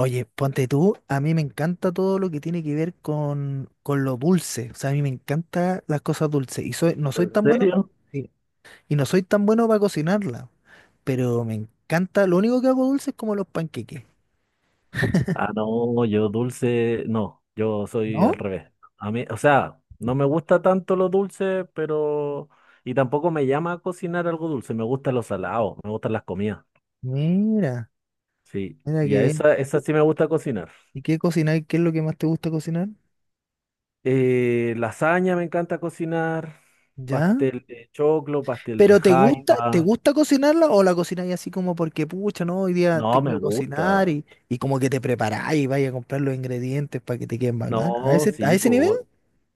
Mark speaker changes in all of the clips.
Speaker 1: Oye, ponte tú, a mí me encanta todo lo que tiene que ver con lo dulce. O sea, a mí me encantan las cosas dulces. No soy
Speaker 2: ¿En
Speaker 1: tan bueno
Speaker 2: serio?
Speaker 1: y no soy tan bueno para cocinarla, pero me encanta. Lo único que hago dulce es como los panqueques.
Speaker 2: Ah, no, yo dulce, no, yo soy al
Speaker 1: ¿No?
Speaker 2: revés. A mí, o sea, no me gusta tanto lo dulce, pero... Y tampoco me llama a cocinar algo dulce, me gustan los salados, me gustan las comidas.
Speaker 1: Mira,
Speaker 2: Sí,
Speaker 1: mira
Speaker 2: y
Speaker 1: qué
Speaker 2: a
Speaker 1: bien.
Speaker 2: esa, esa sí me gusta cocinar.
Speaker 1: ¿Y qué cocináis? ¿Qué es lo que más te gusta cocinar?
Speaker 2: Lasaña me encanta cocinar,
Speaker 1: ¿Ya?
Speaker 2: pastel de choclo, pastel de
Speaker 1: ¿Pero te
Speaker 2: jaiba.
Speaker 1: gusta cocinarla o la cocináis así como porque, pucha, no, hoy día
Speaker 2: No,
Speaker 1: tengo
Speaker 2: me
Speaker 1: que cocinar
Speaker 2: gusta.
Speaker 1: y como que te preparáis y vais a comprar los ingredientes para que te queden bacán? ¿A
Speaker 2: No,
Speaker 1: a
Speaker 2: sí,
Speaker 1: ese
Speaker 2: pues
Speaker 1: nivel?
Speaker 2: vo-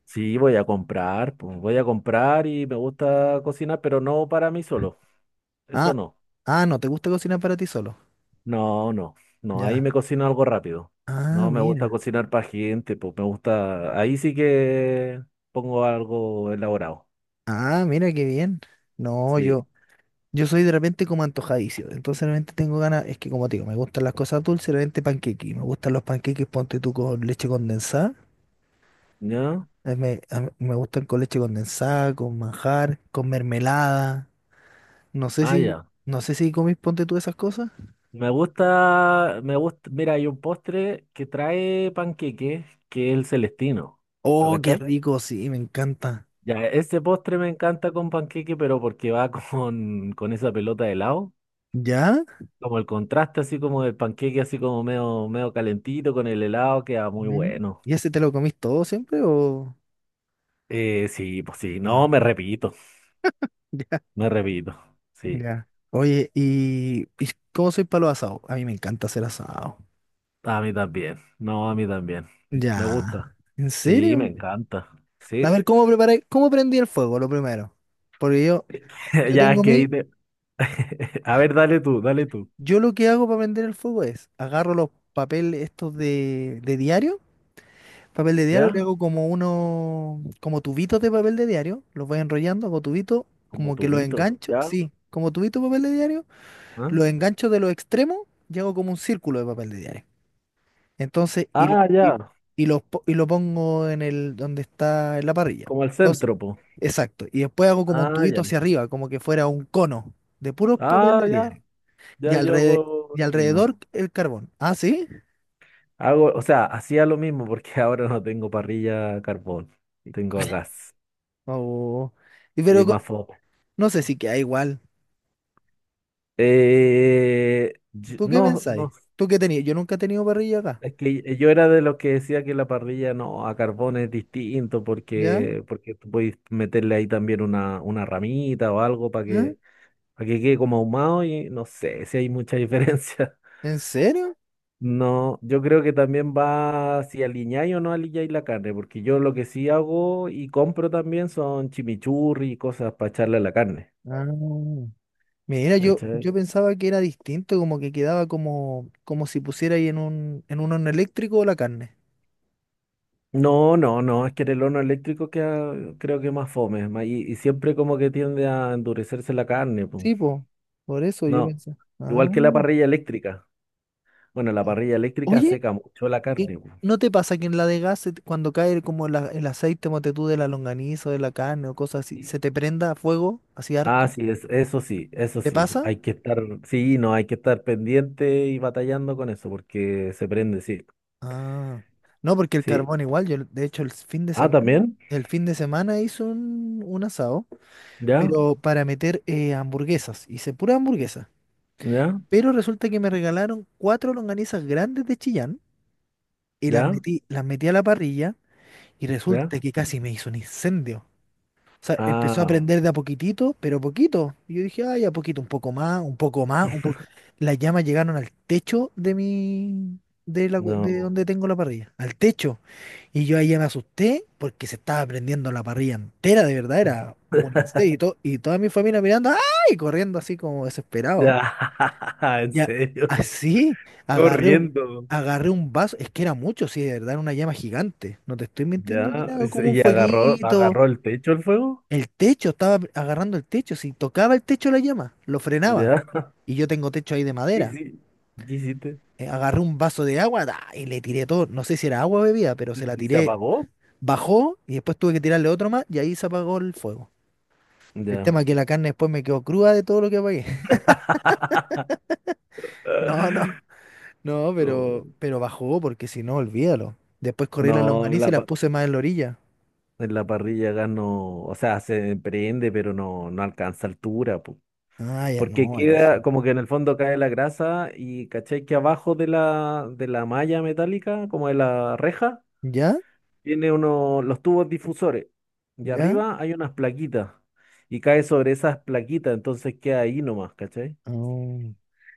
Speaker 2: sí, voy a comprar, pues voy a comprar y me gusta cocinar, pero no para mí solo. Eso
Speaker 1: Ah,
Speaker 2: no,
Speaker 1: ah, no te gusta cocinar para ti solo.
Speaker 2: no, no, no, ahí
Speaker 1: Ya.
Speaker 2: me cocino algo rápido.
Speaker 1: Ah,
Speaker 2: No me gusta
Speaker 1: mira.
Speaker 2: cocinar para gente, pues me gusta, ahí sí que pongo algo elaborado.
Speaker 1: Ah, mira qué bien. No,
Speaker 2: Sí,
Speaker 1: yo soy de repente como antojadizo. Entonces de repente tengo ganas, es que como te digo, me gustan las cosas dulces, de repente panqueques. Me gustan los panqueques, ponte tú con leche condensada.
Speaker 2: ¿ya?
Speaker 1: A mí me gustan con leche condensada, con manjar, con mermelada. No sé
Speaker 2: Ah,
Speaker 1: si,
Speaker 2: ya.
Speaker 1: no sé si comís, ponte tú esas cosas.
Speaker 2: Me gusta, mira, hay un postre que trae panqueque, que es el celestino. ¿Lo
Speaker 1: Oh, qué
Speaker 2: cachai?
Speaker 1: rico, sí, me encanta.
Speaker 2: Ya, ese postre me encanta con panqueque, pero porque va con esa pelota de helado.
Speaker 1: ¿Ya?
Speaker 2: Como el contraste así como del panqueque, así como medio, medio calentito con el helado, queda muy
Speaker 1: Mm.
Speaker 2: bueno.
Speaker 1: ¿Y ese te lo comís todo siempre o...?
Speaker 2: Sí, pues sí, no,
Speaker 1: Ah.
Speaker 2: me repito, sí,
Speaker 1: Ya. Oye, ¿y cómo soy para los asados? A mí me encanta hacer asado.
Speaker 2: a mí también, no, a mí también, me gusta,
Speaker 1: Ya. ¿En
Speaker 2: sí, me
Speaker 1: serio?
Speaker 2: encanta, sí,
Speaker 1: A ver, ¿cómo prendí el fuego lo primero? Porque yo, yo
Speaker 2: ya es
Speaker 1: tengo
Speaker 2: que
Speaker 1: mi,
Speaker 2: a ver, dale tú,
Speaker 1: Yo lo que hago para prender el fuego es, agarro los papeles estos de diario, papel de diario, le
Speaker 2: ¿ya?
Speaker 1: hago como uno, como tubitos de papel de diario, los voy enrollando, hago tubito,
Speaker 2: Como
Speaker 1: como que los
Speaker 2: tubito,
Speaker 1: engancho,
Speaker 2: ¿ya?
Speaker 1: sí, como tubito de papel de diario,
Speaker 2: ¿Ah?
Speaker 1: los engancho de los extremos y hago como un círculo de papel de diario. Entonces,
Speaker 2: Ah, ya,
Speaker 1: y lo po- Y lo pongo en el donde está en la parrilla.
Speaker 2: como el
Speaker 1: Entonces,
Speaker 2: centro, pues,
Speaker 1: exacto. Y después hago como un
Speaker 2: ah,
Speaker 1: tubito
Speaker 2: ya,
Speaker 1: hacia arriba, como que fuera un cono de puro papel
Speaker 2: ah,
Speaker 1: de
Speaker 2: ya,
Speaker 1: diario.
Speaker 2: ya
Speaker 1: Y
Speaker 2: yo hago
Speaker 1: alrededor, y
Speaker 2: lo mismo,
Speaker 1: alrededor el carbón. ¿Ah, sí?
Speaker 2: hago, o sea, hacía lo mismo porque ahora no tengo parrilla a carbón, tengo a gas,
Speaker 1: Oh. Y pero
Speaker 2: y
Speaker 1: co-
Speaker 2: más
Speaker 1: no sé si queda igual. ¿Tú qué
Speaker 2: No,
Speaker 1: pensáis?
Speaker 2: no,
Speaker 1: ¿Tú qué tenías? Yo nunca he tenido parrilla acá.
Speaker 2: es que yo era de los que decía que la parrilla no, a carbón es distinto
Speaker 1: ¿Ya?
Speaker 2: porque, porque tú puedes meterle ahí también una ramita o algo
Speaker 1: ¿Ah?
Speaker 2: para que quede como ahumado y no sé si hay mucha diferencia.
Speaker 1: ¿En serio?
Speaker 2: No, yo creo que también va si aliñáis o no aliñáis la carne, porque yo lo que sí hago y compro también son chimichurri y cosas para echarle a la carne.
Speaker 1: Ah. Yo
Speaker 2: ¿Cachai?
Speaker 1: pensaba que era distinto, como que quedaba como, como si pusiera ahí en en un horno eléctrico la carne.
Speaker 2: No, no, no, es que en el horno eléctrico queda, creo que más fome, y siempre como que tiende a endurecerse la carne, pues.
Speaker 1: Sí, po, por eso yo
Speaker 2: No,
Speaker 1: pensé. Ah,
Speaker 2: igual que la parrilla eléctrica. Bueno, la
Speaker 1: ya.
Speaker 2: parrilla eléctrica
Speaker 1: Oye,
Speaker 2: seca mucho la
Speaker 1: ¿y
Speaker 2: carne, po.
Speaker 1: ¿no te pasa que en la de gas, se te- cuando cae como la- el aceite, mote tú, de la longaniza o de la carne o cosas así, se
Speaker 2: Sí.
Speaker 1: te prenda a fuego así
Speaker 2: Ah,
Speaker 1: harto?
Speaker 2: sí, eso sí, eso
Speaker 1: ¿Te
Speaker 2: sí,
Speaker 1: pasa?
Speaker 2: hay que estar, sí, no, hay que estar pendiente y batallando con eso porque se prende, sí,
Speaker 1: Ah, no, porque el
Speaker 2: sí.
Speaker 1: carbón igual, yo de hecho el fin de
Speaker 2: Ah,
Speaker 1: semana,
Speaker 2: también,
Speaker 1: el fin de semana hice un asado,
Speaker 2: ya,
Speaker 1: pero para meter hamburguesas, hice pura hamburguesa.
Speaker 2: ya,
Speaker 1: Pero resulta que me regalaron cuatro longanizas grandes de Chillán y
Speaker 2: ya,
Speaker 1: las metí a la parrilla y
Speaker 2: ya.
Speaker 1: resulta que casi me hizo un incendio. O sea, empezó a
Speaker 2: Ah,
Speaker 1: prender de a poquitito, pero poquito. Y yo dije, ay, a poquito, un poco más, un poco más, un poco. Las llamas llegaron al techo de
Speaker 2: no,
Speaker 1: donde tengo la parrilla, al techo. Y yo ahí ya me asusté porque se estaba prendiendo la parrilla entera, de verdad, era un incendio. Y toda mi familia mirando, ay, corriendo así como desesperado.
Speaker 2: ya, en
Speaker 1: Ya,
Speaker 2: serio,
Speaker 1: así, agarré un,
Speaker 2: corriendo.
Speaker 1: agarré un vaso, es que era mucho, sí, de verdad, era una llama gigante. No te estoy mintiendo que
Speaker 2: Ya, y
Speaker 1: era como un
Speaker 2: y agarró,
Speaker 1: fueguito.
Speaker 2: agarró el techo el fuego.
Speaker 1: El techo, estaba agarrando el techo, si tocaba el techo la llama, lo frenaba.
Speaker 2: Ya.
Speaker 1: Y yo tengo techo ahí de
Speaker 2: ¿Qué
Speaker 1: madera.
Speaker 2: qué hiciste?
Speaker 1: Agarré un vaso de agua ¡da! Y le tiré todo. No sé si era agua o bebida, pero se la
Speaker 2: ¿Y se
Speaker 1: tiré.
Speaker 2: apagó?
Speaker 1: Bajó y después tuve que tirarle otro más y ahí se apagó el fuego. El tema es
Speaker 2: Ya.
Speaker 1: que la carne después me quedó cruda de todo lo que apagué. No, no. No,
Speaker 2: No,
Speaker 1: pero bajó porque si no, olvídalo. Después corrí las No,
Speaker 2: no, en
Speaker 1: longaniza y
Speaker 2: la,
Speaker 1: las claro. puse más en la orilla.
Speaker 2: en la parrilla gas no, o sea, se prende, pero no, no alcanza altura, po.
Speaker 1: Ah, ya,
Speaker 2: Porque
Speaker 1: no, aquí sí.
Speaker 2: queda como que en el fondo cae la grasa y caché que abajo de la malla metálica, como de la reja,
Speaker 1: ¿Ya?
Speaker 2: tiene uno, los tubos difusores y
Speaker 1: ¿Ya?
Speaker 2: arriba hay unas plaquitas y cae sobre esas plaquitas, entonces queda ahí nomás, ¿cachai?
Speaker 1: Oh,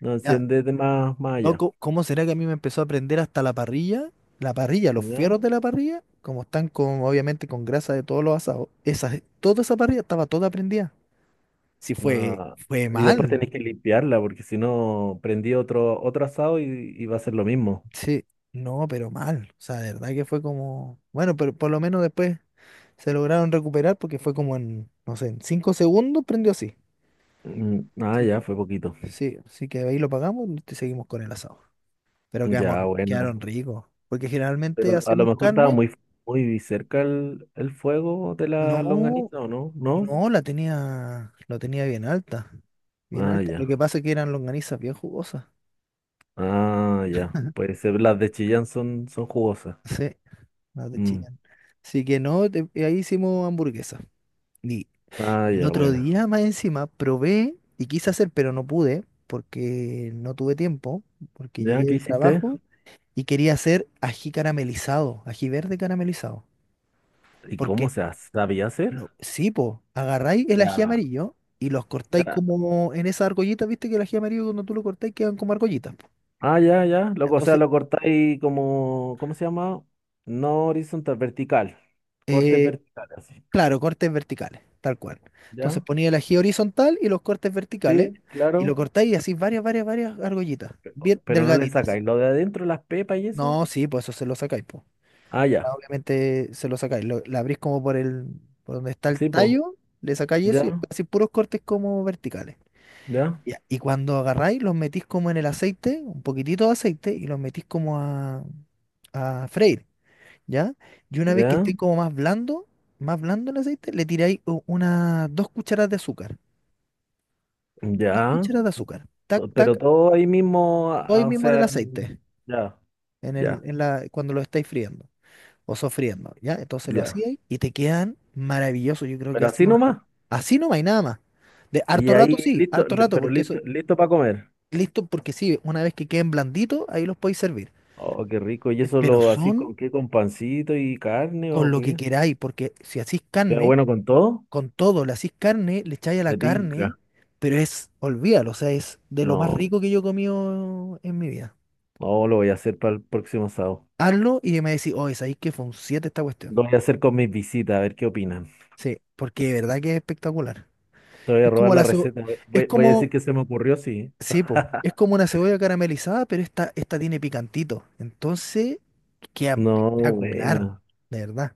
Speaker 2: No
Speaker 1: ya.
Speaker 2: enciende de más, más
Speaker 1: No,
Speaker 2: allá,
Speaker 1: co- ¿Cómo será que a mí me empezó a prender hasta la parrilla? La parrilla, los
Speaker 2: ¿ya?
Speaker 1: fierros de la parrilla, como están con, obviamente, con grasa de todos los asados. Toda esa parrilla estaba toda prendida. Sí, fue,
Speaker 2: No.
Speaker 1: fue
Speaker 2: Y después
Speaker 1: mal.
Speaker 2: tenés que limpiarla porque si no prendí otro, otro asado y va a ser lo mismo.
Speaker 1: Sí, no, pero mal. O sea, de verdad que fue como. Bueno, pero por lo menos después se lograron recuperar porque fue como en, no sé, en 5 segundos prendió así.
Speaker 2: Mm, ah,
Speaker 1: Así
Speaker 2: ya,
Speaker 1: que,
Speaker 2: fue poquito.
Speaker 1: sí, así que ahí lo pagamos y te seguimos con el asado. Pero quedamos,
Speaker 2: Ya, bueno.
Speaker 1: quedaron ricos. Porque generalmente
Speaker 2: Pero a lo
Speaker 1: hacemos
Speaker 2: mejor estaba
Speaker 1: carne.
Speaker 2: muy, muy cerca el fuego de la
Speaker 1: No,
Speaker 2: longaniza, ¿o no? ¿No?
Speaker 1: no, la tenía, lo tenía bien alta. Bien
Speaker 2: Ah,
Speaker 1: alta. Lo que
Speaker 2: ya.
Speaker 1: pasa es que eran longanizas bien jugosas.
Speaker 2: Ah, ya. Puede ser, las de Chillán son, son jugosas.
Speaker 1: Sí, las de
Speaker 2: Mm.
Speaker 1: Chillán. Así que no, te- ahí hicimos hamburguesa. Y
Speaker 2: Ah,
Speaker 1: el
Speaker 2: ya,
Speaker 1: otro
Speaker 2: bueno.
Speaker 1: día más encima probé y quise hacer, pero no pude porque no tuve tiempo, porque
Speaker 2: ¿Ya
Speaker 1: llegué
Speaker 2: qué
Speaker 1: del
Speaker 2: hiciste?
Speaker 1: trabajo y quería hacer ají caramelizado, ají verde caramelizado.
Speaker 2: ¿Y cómo
Speaker 1: Porque,
Speaker 2: sabía hacer?
Speaker 1: sí, po, agarráis el
Speaker 2: Ya,
Speaker 1: ají amarillo y los cortáis
Speaker 2: ya.
Speaker 1: como en esas argollitas, viste que el ají amarillo cuando tú lo cortáis quedan como argollitas. Po.
Speaker 2: Ah, ya, ya. Luego, o sea,
Speaker 1: Entonces,
Speaker 2: lo cortáis como, ¿cómo se llama? No horizontal, vertical. Cortes
Speaker 1: eh,
Speaker 2: verticales, así.
Speaker 1: claro, cortes verticales, tal cual. Entonces
Speaker 2: ¿Ya?
Speaker 1: ponía el ají horizontal y los cortes verticales
Speaker 2: Sí,
Speaker 1: y lo
Speaker 2: claro.
Speaker 1: cortáis y así varias argollitas, bien
Speaker 2: Pero no le
Speaker 1: delgaditas.
Speaker 2: sacáis lo de adentro, las pepas y
Speaker 1: No,
Speaker 2: eso.
Speaker 1: sí, pues eso se lo sacáis, po.
Speaker 2: Ah, ya.
Speaker 1: Obviamente se lo sacáis, la abrís como por el, por donde está el
Speaker 2: Sí, pues.
Speaker 1: tallo, le sacáis
Speaker 2: Ya,
Speaker 1: eso y después así puros cortes como verticales.
Speaker 2: ya,
Speaker 1: Ya. Y cuando agarráis, los metís como en el aceite, un poquitito de aceite, y los metís como a freír, ¿ya? Y una vez que
Speaker 2: ya,
Speaker 1: estén como más blando el aceite, le tiráis u- unas 2 cucharadas de azúcar. Dos
Speaker 2: ya.
Speaker 1: cucharadas de azúcar. Tac,
Speaker 2: Pero
Speaker 1: tac,
Speaker 2: todo ahí mismo,
Speaker 1: hoy
Speaker 2: o
Speaker 1: mismo en
Speaker 2: sea,
Speaker 1: el aceite,
Speaker 2: ya,
Speaker 1: en
Speaker 2: ya,
Speaker 1: la, cuando lo estáis friendo. O sofriendo, ¿ya? Entonces lo
Speaker 2: ya.
Speaker 1: hacía ahí y te quedan maravillosos. Yo creo que
Speaker 2: Pero así nomás.
Speaker 1: así no hay nada más. De
Speaker 2: Y
Speaker 1: harto
Speaker 2: ahí
Speaker 1: rato sí,
Speaker 2: listo,
Speaker 1: harto rato,
Speaker 2: pero
Speaker 1: porque eso,
Speaker 2: listo, listo para comer.
Speaker 1: listo, porque sí, una vez que queden blanditos, ahí los podéis servir.
Speaker 2: Oh, qué rico. ¿Y eso
Speaker 1: Pero
Speaker 2: lo así
Speaker 1: son
Speaker 2: con qué? ¿Con pancito y carne
Speaker 1: con
Speaker 2: o
Speaker 1: lo que
Speaker 2: qué?
Speaker 1: queráis, porque si hacís
Speaker 2: ¿Queda
Speaker 1: carne,
Speaker 2: bueno con todo?
Speaker 1: con todo, le hacís carne, le echáis a la
Speaker 2: Me
Speaker 1: carne,
Speaker 2: tinca.
Speaker 1: pero es, olvídalo, o sea, es de lo más
Speaker 2: No,
Speaker 1: rico que yo he comido en mi vida.
Speaker 2: no lo voy a hacer para el próximo sábado.
Speaker 1: Hazlo y me decís, oh, es ahí que fue un 7 esta cuestión.
Speaker 2: Lo voy a hacer con mis visitas, a ver qué opinan.
Speaker 1: Sí, porque de verdad que es espectacular.
Speaker 2: Te voy a
Speaker 1: Es
Speaker 2: robar
Speaker 1: como la,
Speaker 2: la
Speaker 1: segu-
Speaker 2: receta. Voy,
Speaker 1: es
Speaker 2: voy a
Speaker 1: como,
Speaker 2: decir que se me ocurrió, sí.
Speaker 1: Sí, po. Es como una cebolla caramelizada, pero esta tiene picantito. Entonces, queda
Speaker 2: No,
Speaker 1: espectacular,
Speaker 2: buena.
Speaker 1: de verdad.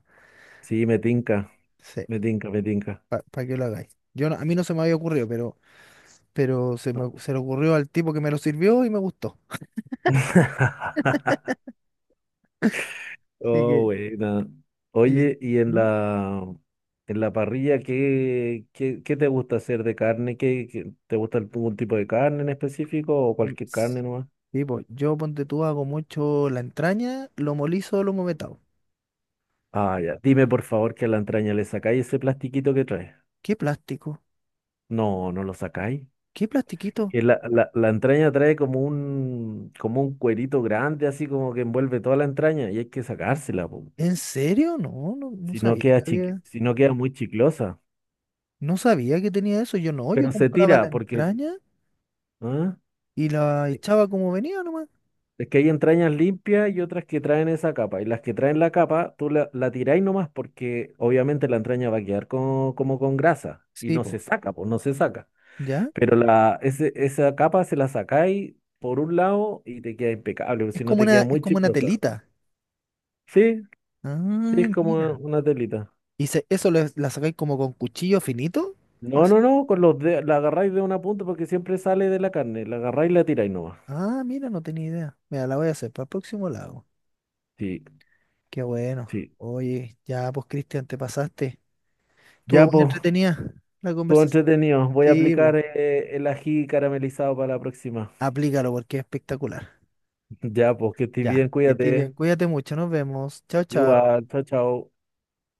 Speaker 2: Sí, me tinca.
Speaker 1: Sí,
Speaker 2: Me tinca, me tinca.
Speaker 1: para que lo hagáis. Yo no- a mí no se me había ocurrido, pero, se le ocurrió al tipo que me lo sirvió y me gustó. Así
Speaker 2: Oh,
Speaker 1: que.
Speaker 2: buena.
Speaker 1: y-
Speaker 2: Oye, y
Speaker 1: ¿Mm?
Speaker 2: en la parrilla, ¿qué, qué, qué te gusta hacer de carne? ¿Qué, te gusta algún tipo de carne en específico o
Speaker 1: Mm,
Speaker 2: cualquier carne
Speaker 1: s-
Speaker 2: nomás?
Speaker 1: Sí, po. Yo ponte tú, hago mucho la entraña, lo molizo, lo movetado.
Speaker 2: Ah, ya. Dime por favor que a la entraña le sacáis ese plastiquito que trae.
Speaker 1: ¿Qué plástico?
Speaker 2: No, no lo sacáis.
Speaker 1: ¿Qué plastiquito?
Speaker 2: Que la entraña trae como un cuerito grande, así como que envuelve toda la entraña, y hay que sacársela, po.
Speaker 1: ¿En serio? No
Speaker 2: Si no
Speaker 1: sabía
Speaker 2: queda
Speaker 1: que había-
Speaker 2: si no queda muy chiclosa.
Speaker 1: No sabía que tenía eso. Yo no, yo
Speaker 2: Pero se
Speaker 1: compraba la
Speaker 2: tira porque
Speaker 1: entraña.
Speaker 2: ¿ah?
Speaker 1: Y la echaba como venía nomás.
Speaker 2: Es que hay entrañas limpias y otras que traen esa capa. Y las que traen la capa, tú la, la tiráis nomás porque obviamente la entraña va a quedar como con grasa y
Speaker 1: Sí,
Speaker 2: no se
Speaker 1: po.
Speaker 2: saca, pues no se saca.
Speaker 1: ¿Ya?
Speaker 2: Pero la, esa capa se la sacáis por un lado y te queda impecable, porque si no te queda
Speaker 1: Es
Speaker 2: muy
Speaker 1: como una
Speaker 2: chiclosa.
Speaker 1: telita.
Speaker 2: Sí,
Speaker 1: Ah,
Speaker 2: sí, es como
Speaker 1: mira.
Speaker 2: una telita.
Speaker 1: La sacáis como con cuchillo finito.
Speaker 2: No,
Speaker 1: Así.
Speaker 2: no, no, con los de, la agarráis de una punta porque siempre sale de la carne. La agarráis y la tiráis nomás.
Speaker 1: Ah, mira, no tenía idea. Mira, la voy a hacer para el próximo la
Speaker 2: Sí,
Speaker 1: Qué bueno.
Speaker 2: sí.
Speaker 1: Oye, ya pues Cristian, te pasaste. Estuvo
Speaker 2: Ya,
Speaker 1: muy
Speaker 2: pues,
Speaker 1: entretenida la
Speaker 2: todo
Speaker 1: conversación.
Speaker 2: entretenido. Voy a
Speaker 1: Sí, pues.
Speaker 2: aplicar el ají caramelizado para la próxima.
Speaker 1: Aplícalo porque es espectacular.
Speaker 2: Ya, pues que estés bien,
Speaker 1: Ya. Que estés
Speaker 2: cuídate.
Speaker 1: bien. Cuídate mucho. Nos vemos. Chao, chao.
Speaker 2: Igual, chao, chao.